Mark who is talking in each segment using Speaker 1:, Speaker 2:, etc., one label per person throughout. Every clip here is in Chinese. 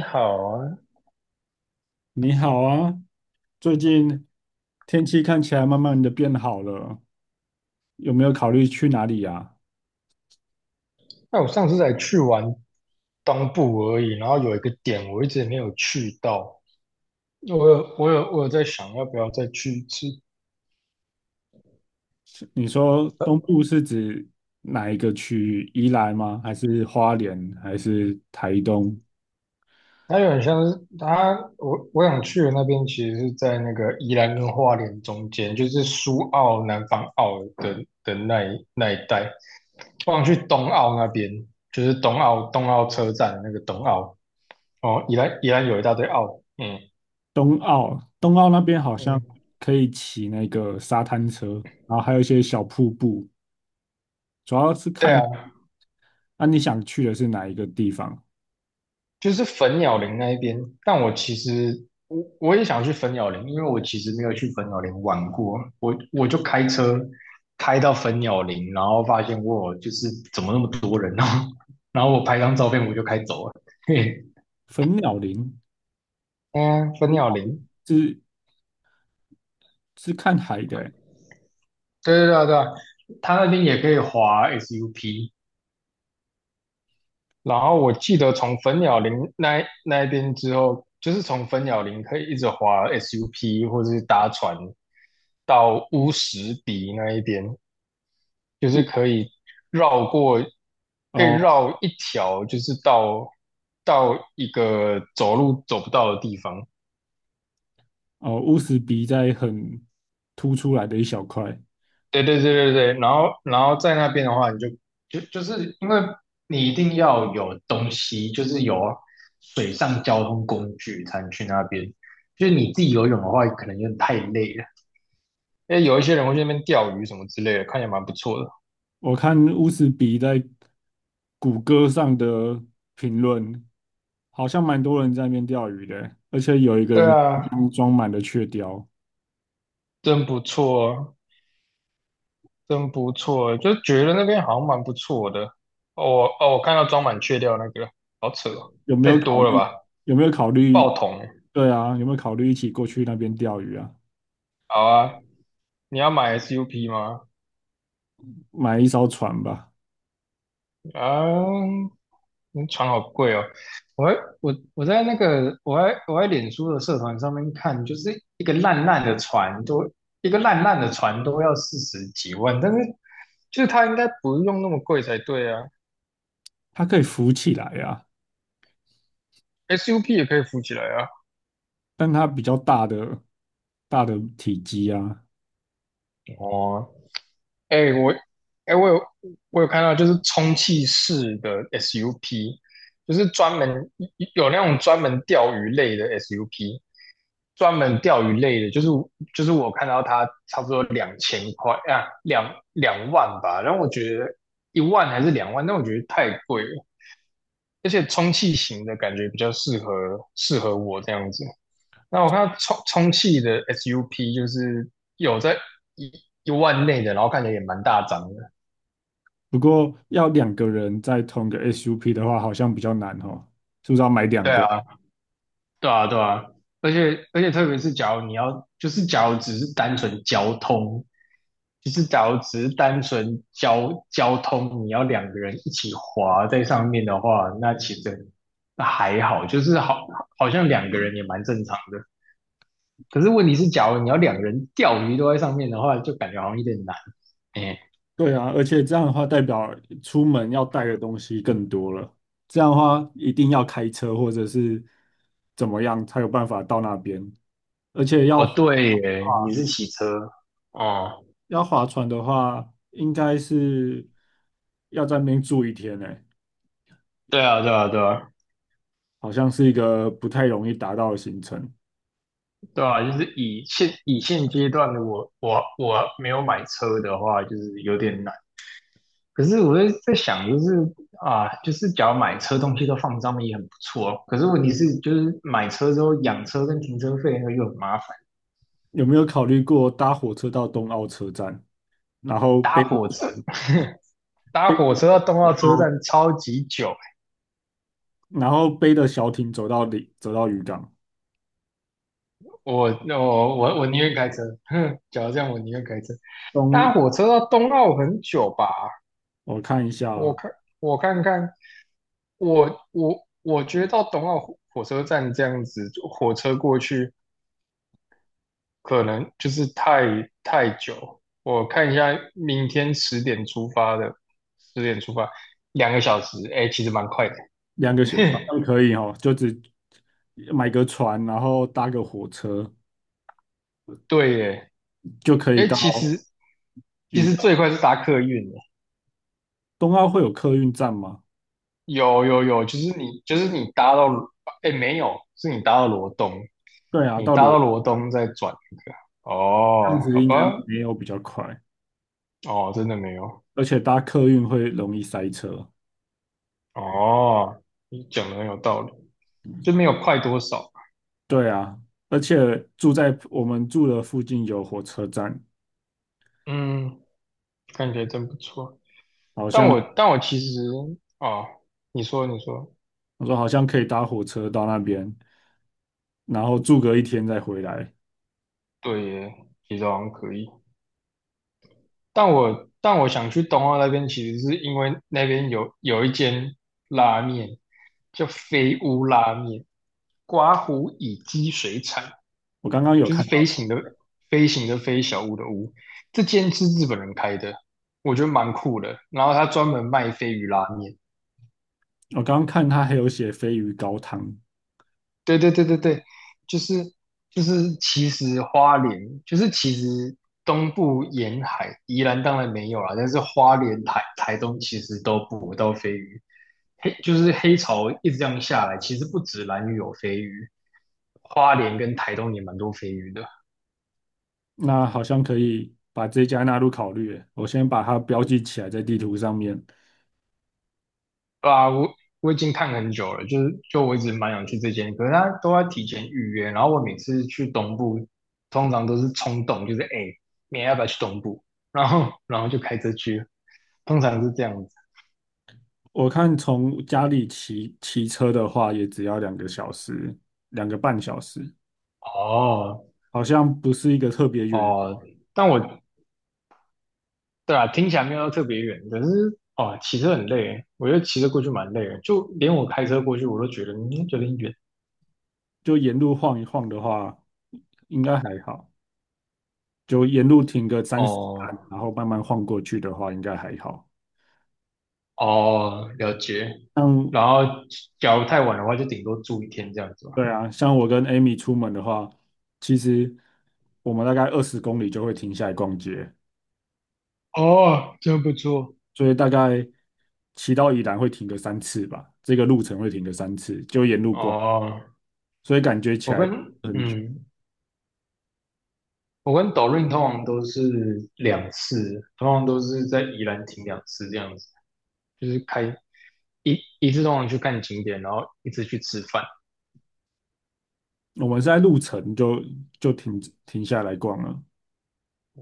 Speaker 1: 你好啊，
Speaker 2: 你好啊，最近天气看起来慢慢的变好了，有没有考虑去哪里啊？
Speaker 1: 那我上次才去完东部而已，然后有一个点我一直没有去到，我有在想要不要再去一次。
Speaker 2: 你说东部是指哪一个区域？宜兰吗？还是花莲？还是台东？
Speaker 1: 它有点像是它，我想去的那边其实是在那个宜兰跟花莲中间，就是苏澳、南方澳的那一带。我想去东澳那边，就是东澳车站的那个东澳。哦，宜兰有一大堆澳，嗯
Speaker 2: 东澳那边好像
Speaker 1: 嗯。
Speaker 2: 可以骑那个沙滩车，然后还有一些小瀑布，主要是
Speaker 1: 对啊。
Speaker 2: 看。那你想去的是哪一个地方？
Speaker 1: 就是粉鸟林那一边，但我其实我也想去粉鸟林，因为我其实没有去粉鸟林玩过，我就开车开到粉鸟林，然后发现我就是怎么那么多人哦，然后我拍张照片我就开走了，嘿，
Speaker 2: 粉鸟林
Speaker 1: 嗯，粉鸟林，
Speaker 2: 是是看海的欸。
Speaker 1: 对对对啊对啊，他那边也可以滑 SUP,然后我记得从粉鸟林那一边之后，就是从粉鸟林可以一直滑 SUP 或者是搭船到乌石鼻那一边，就是可以绕过，可以
Speaker 2: 哦。
Speaker 1: 绕一条，就是到一个走路走不到的地方。
Speaker 2: 哦，乌斯鼻在很凸出来的一小块。
Speaker 1: 对对对对对，然后在那边的话，你就就就是因为你一定要有东西，就是有水上交通工具才能去那边。就是你自己游泳的话，可能有点太累了。因为有一些人会去那边钓鱼什么之类的，看起来蛮不错的。
Speaker 2: 我看乌斯鼻在谷歌上的评论，好像蛮多人在那边钓鱼的，而且有一个
Speaker 1: 对
Speaker 2: 人的冰
Speaker 1: 啊，
Speaker 2: 箱装满了雀鲷。
Speaker 1: 真不错，真不错，就觉得那边好像蛮不错的。哦哦，我看到装满雀钓那个，好扯哦，
Speaker 2: 有没
Speaker 1: 太
Speaker 2: 有考
Speaker 1: 多了
Speaker 2: 虑？
Speaker 1: 吧？
Speaker 2: 有没有考
Speaker 1: 爆
Speaker 2: 虑？
Speaker 1: 桶，
Speaker 2: 对啊，有没有考虑一起过去那边钓鱼啊？
Speaker 1: 好啊，你要买 SUP 吗？
Speaker 2: 买一艘船吧，
Speaker 1: 啊，嗯床好贵哦！我还我我在那个我还我在脸书的社团上面看，就是一个烂烂的船都要四十几万，但是就是它应该不用那么贵才对啊
Speaker 2: 它可以浮起来啊，
Speaker 1: ，SUP 也可以浮起来啊。
Speaker 2: 但它比较大的体积啊。
Speaker 1: 哦，哎、我，哎、我有，我有看到，就是充气式的 SUP,就是专门有那种专门钓鱼类的 SUP,专门钓鱼类的，就是我看到它差不多2000块啊，两万吧，然后我觉得一万还是两万，但我觉得太贵了，而且充气型的感觉比较适合适合我这样子。那我看到充气的 SUP 就是有在一一万内的，然后看起来也蛮大张的。
Speaker 2: 不过要2个人在同一个 SUP 的话，好像比较难哦，是不是要买两
Speaker 1: 对
Speaker 2: 个？
Speaker 1: 啊，对啊，对啊，而且特别是假如你要，就是假如只是单纯交通，就是假如只是单纯交通，你要两个人一起滑在上面的话，那其实那还好，就是好像两个人也蛮正常的。可是问题是，假如你要两个人钓鱼都在上面的话，就感觉好像有点难。哎、
Speaker 2: 对啊，而且这样的话，代表出门要带的东西更多了。这样的话，一定要开车或者是怎么样才有办法到那边。而且
Speaker 1: 哦，对耶，你是骑车哦，
Speaker 2: 要划船的话，应该是要在那边住一天呢。
Speaker 1: 对啊，对啊，对啊。
Speaker 2: 好像是一个不太容易达到的行程。
Speaker 1: 对啊，就是以现阶段的我，我没有买车的话，就是有点难。可是我在想，就是啊，就是假如买车，东西都放上面也很不错哦。可是问题是，就是买车之后养车跟停车费那个又很麻烦，
Speaker 2: 有没有考虑过搭火车到东澳车站，然后
Speaker 1: 搭火车 搭
Speaker 2: 背
Speaker 1: 火车到动
Speaker 2: 着
Speaker 1: 到车
Speaker 2: 船
Speaker 1: 站超级久。
Speaker 2: 然后背着小艇走到里，走到渔港。
Speaker 1: 我宁愿开车，哼，假如这样，我宁愿开车。搭
Speaker 2: 东，
Speaker 1: 火车到东澳很久吧？
Speaker 2: 我看一下
Speaker 1: 我
Speaker 2: 哦。
Speaker 1: 看我看看，我觉得到东奥火车站这样子，坐火车过去可能就是太久。我看一下，明天十点出发的，十点出发，2个小时，哎、其实蛮快的。
Speaker 2: 两个小时好 像可以哦，就只买个船，然后搭个火车
Speaker 1: 对耶，
Speaker 2: 就可以
Speaker 1: 哎、
Speaker 2: 到
Speaker 1: 其实其
Speaker 2: 渔
Speaker 1: 实
Speaker 2: 港。
Speaker 1: 最快是搭客运耶，
Speaker 2: 东澳会有客运站吗？
Speaker 1: 有有有，就是你搭到，哎、没有，是你搭到罗东，
Speaker 2: 对啊，
Speaker 1: 你
Speaker 2: 到
Speaker 1: 搭
Speaker 2: 罗。
Speaker 1: 到罗东再转一个。
Speaker 2: 这样
Speaker 1: 哦，
Speaker 2: 子
Speaker 1: 好
Speaker 2: 应该
Speaker 1: 吧，
Speaker 2: 没有比较快，
Speaker 1: 哦，真的没有。
Speaker 2: 而且搭客运会容易塞车。
Speaker 1: 哦，你讲的很有道理，就没有快多少。
Speaker 2: 对啊，而且住在我们住的附近有火车站，
Speaker 1: 嗯，看起来真不错。
Speaker 2: 好
Speaker 1: 但
Speaker 2: 像。
Speaker 1: 我但我其实哦，你说你说，
Speaker 2: 我说好像可以搭火车到那边，然后住个一天再回来。
Speaker 1: 对耶，其实好像可以。但我想去东澳那边，其实是因为那边有一间拉面叫飞屋拉面，刮胡乙鸡水产，
Speaker 2: 我刚刚有
Speaker 1: 就是
Speaker 2: 看到。
Speaker 1: 飞行的飞小屋的屋，这间是日本人开的，我觉得蛮酷的。然后他专门卖飞鱼拉面，
Speaker 2: 我刚刚看他还有写鲱鱼高汤，
Speaker 1: 对对对对对，就是就是其实花莲就是其实东部沿海，宜兰当然没有啦，但是花莲台东其实都捕不到飞鱼，就是黑潮一直这样下来，其实不止兰屿有飞鱼，花莲跟台东也蛮多飞鱼的。
Speaker 2: 那好像可以把这家纳入考虑耶。我先把它标记起来在地图上面。
Speaker 1: 对啊，我已经看很久了，就是就我一直蛮想去这间，可是他都要提前预约，然后我每次去东部，通常都是冲动，就是哎，诶明天要不要去东部？然后就开车去，通常是这样子。
Speaker 2: 我看从家里骑车的话，也只要两个小时，两个半小时，
Speaker 1: 哦
Speaker 2: 好像不是一个特别远的地。
Speaker 1: 哦，但我对啊，听起来没有特别远，可是哦，骑车很累，我觉得骑车过去蛮累的，就连我开车过去我都觉得有点远。
Speaker 2: 就沿路晃一晃的话，应该还好。就沿路停个30站，
Speaker 1: 哦
Speaker 2: 然后慢慢晃过去的话，应该还好。
Speaker 1: 哦，了解。
Speaker 2: 像
Speaker 1: 然后假如太晚的话，就顶多住1天这样子。吧。
Speaker 2: 对啊，像我跟 Amy 出门的话，其实我们大概20公里就会停下来逛街，
Speaker 1: 哦，真不错。
Speaker 2: 所以大概骑到宜兰会停个三次吧，这个路程会停个三次，就沿路逛，
Speaker 1: 哦，
Speaker 2: 所以感觉起
Speaker 1: 我
Speaker 2: 来
Speaker 1: 跟
Speaker 2: 很久。
Speaker 1: 嗯，我跟抖润通常都是两次，通常都是在宜兰停两次这样子，就是开一次通常去看景点，然后一次去吃饭。
Speaker 2: 我们是在路程就就停停下来逛了，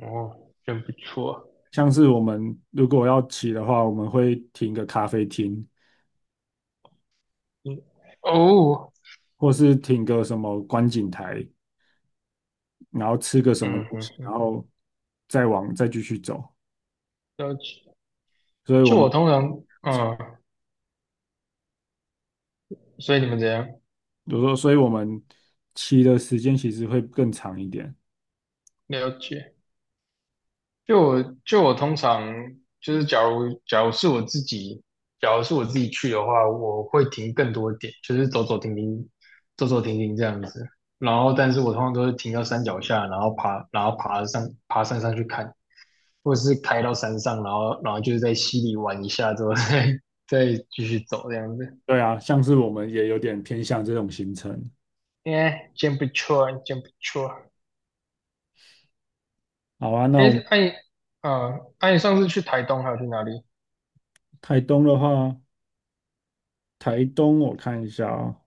Speaker 1: 哦，真不错。
Speaker 2: 像是我们如果要骑的话，我们会停个咖啡厅，
Speaker 1: 嗯，哦，
Speaker 2: 或是停个什么观景台，然后吃个什么
Speaker 1: 嗯
Speaker 2: 东
Speaker 1: 嗯
Speaker 2: 西，然
Speaker 1: 嗯，
Speaker 2: 后再继续走。
Speaker 1: 了解。
Speaker 2: 所以我
Speaker 1: 就我
Speaker 2: 们。
Speaker 1: 通常，所以你们怎样？
Speaker 2: 比如说，所以我们骑的时间其实会更长一点。
Speaker 1: 了解。就我通常就是，假如是我自己，假如是我自己去的话，我会停更多点，就是走走停停，走走停停这样子。然后，但是我通常都是停到山脚下，然后爬上爬山上去看，或者是开到山上，然后就是在溪里玩一下之后再 再继续走这样子。
Speaker 2: 对啊，像是我们也有点偏向这种行程。
Speaker 1: 哎，真不错，真不错。
Speaker 2: 好啊，那
Speaker 1: 哎，
Speaker 2: 我们。
Speaker 1: 哎，啊，哎，你上次去台东还有去哪里？
Speaker 2: 台东的话，台东我看一下啊，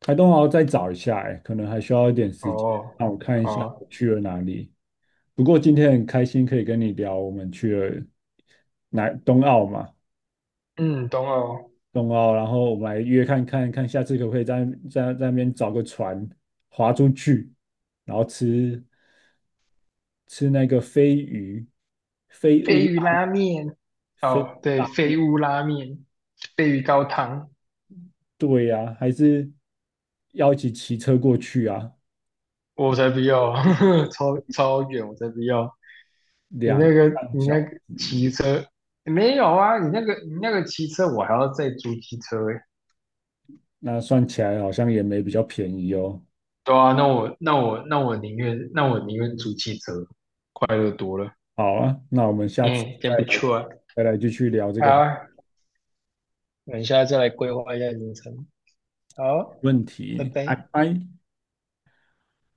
Speaker 2: 台东我要再找一下，哎，可能还需要一点时间。
Speaker 1: 哦，
Speaker 2: 那我看一下我
Speaker 1: 哦，
Speaker 2: 去了哪里。不过今天很开心可以跟你聊，我们去了南东澳嘛，
Speaker 1: 嗯，懂了哦
Speaker 2: 东澳，然后我们来约看看，下次可不可以在那边找个船划出去，然后吃那个飞鱼、飞
Speaker 1: 鲱
Speaker 2: 乌
Speaker 1: 鱼
Speaker 2: 拉、
Speaker 1: 拉面，
Speaker 2: 飞
Speaker 1: 哦，
Speaker 2: 乌
Speaker 1: 对，
Speaker 2: 拉，
Speaker 1: 鲱屋拉面，鲱鱼高汤，
Speaker 2: 对呀、还是要一起骑车过去啊，
Speaker 1: 我才不要，超远，我才不要。你
Speaker 2: 两
Speaker 1: 那
Speaker 2: 个
Speaker 1: 个，
Speaker 2: 半
Speaker 1: 你
Speaker 2: 小
Speaker 1: 那个
Speaker 2: 时，
Speaker 1: 骑车没有啊？你那个骑车，我还要再租机车诶。
Speaker 2: 那算起来好像也没比较便宜哦。
Speaker 1: 对啊，那我宁愿租汽车，快乐多了。
Speaker 2: 好啊，那我们下次
Speaker 1: 嗯，
Speaker 2: 再
Speaker 1: 真不
Speaker 2: 来
Speaker 1: 错啊。
Speaker 2: 再来继续聊这
Speaker 1: 好
Speaker 2: 个
Speaker 1: 啊，我们下次再来规划一下行程。好，
Speaker 2: 问
Speaker 1: 拜
Speaker 2: 题，拜
Speaker 1: 拜。
Speaker 2: 拜。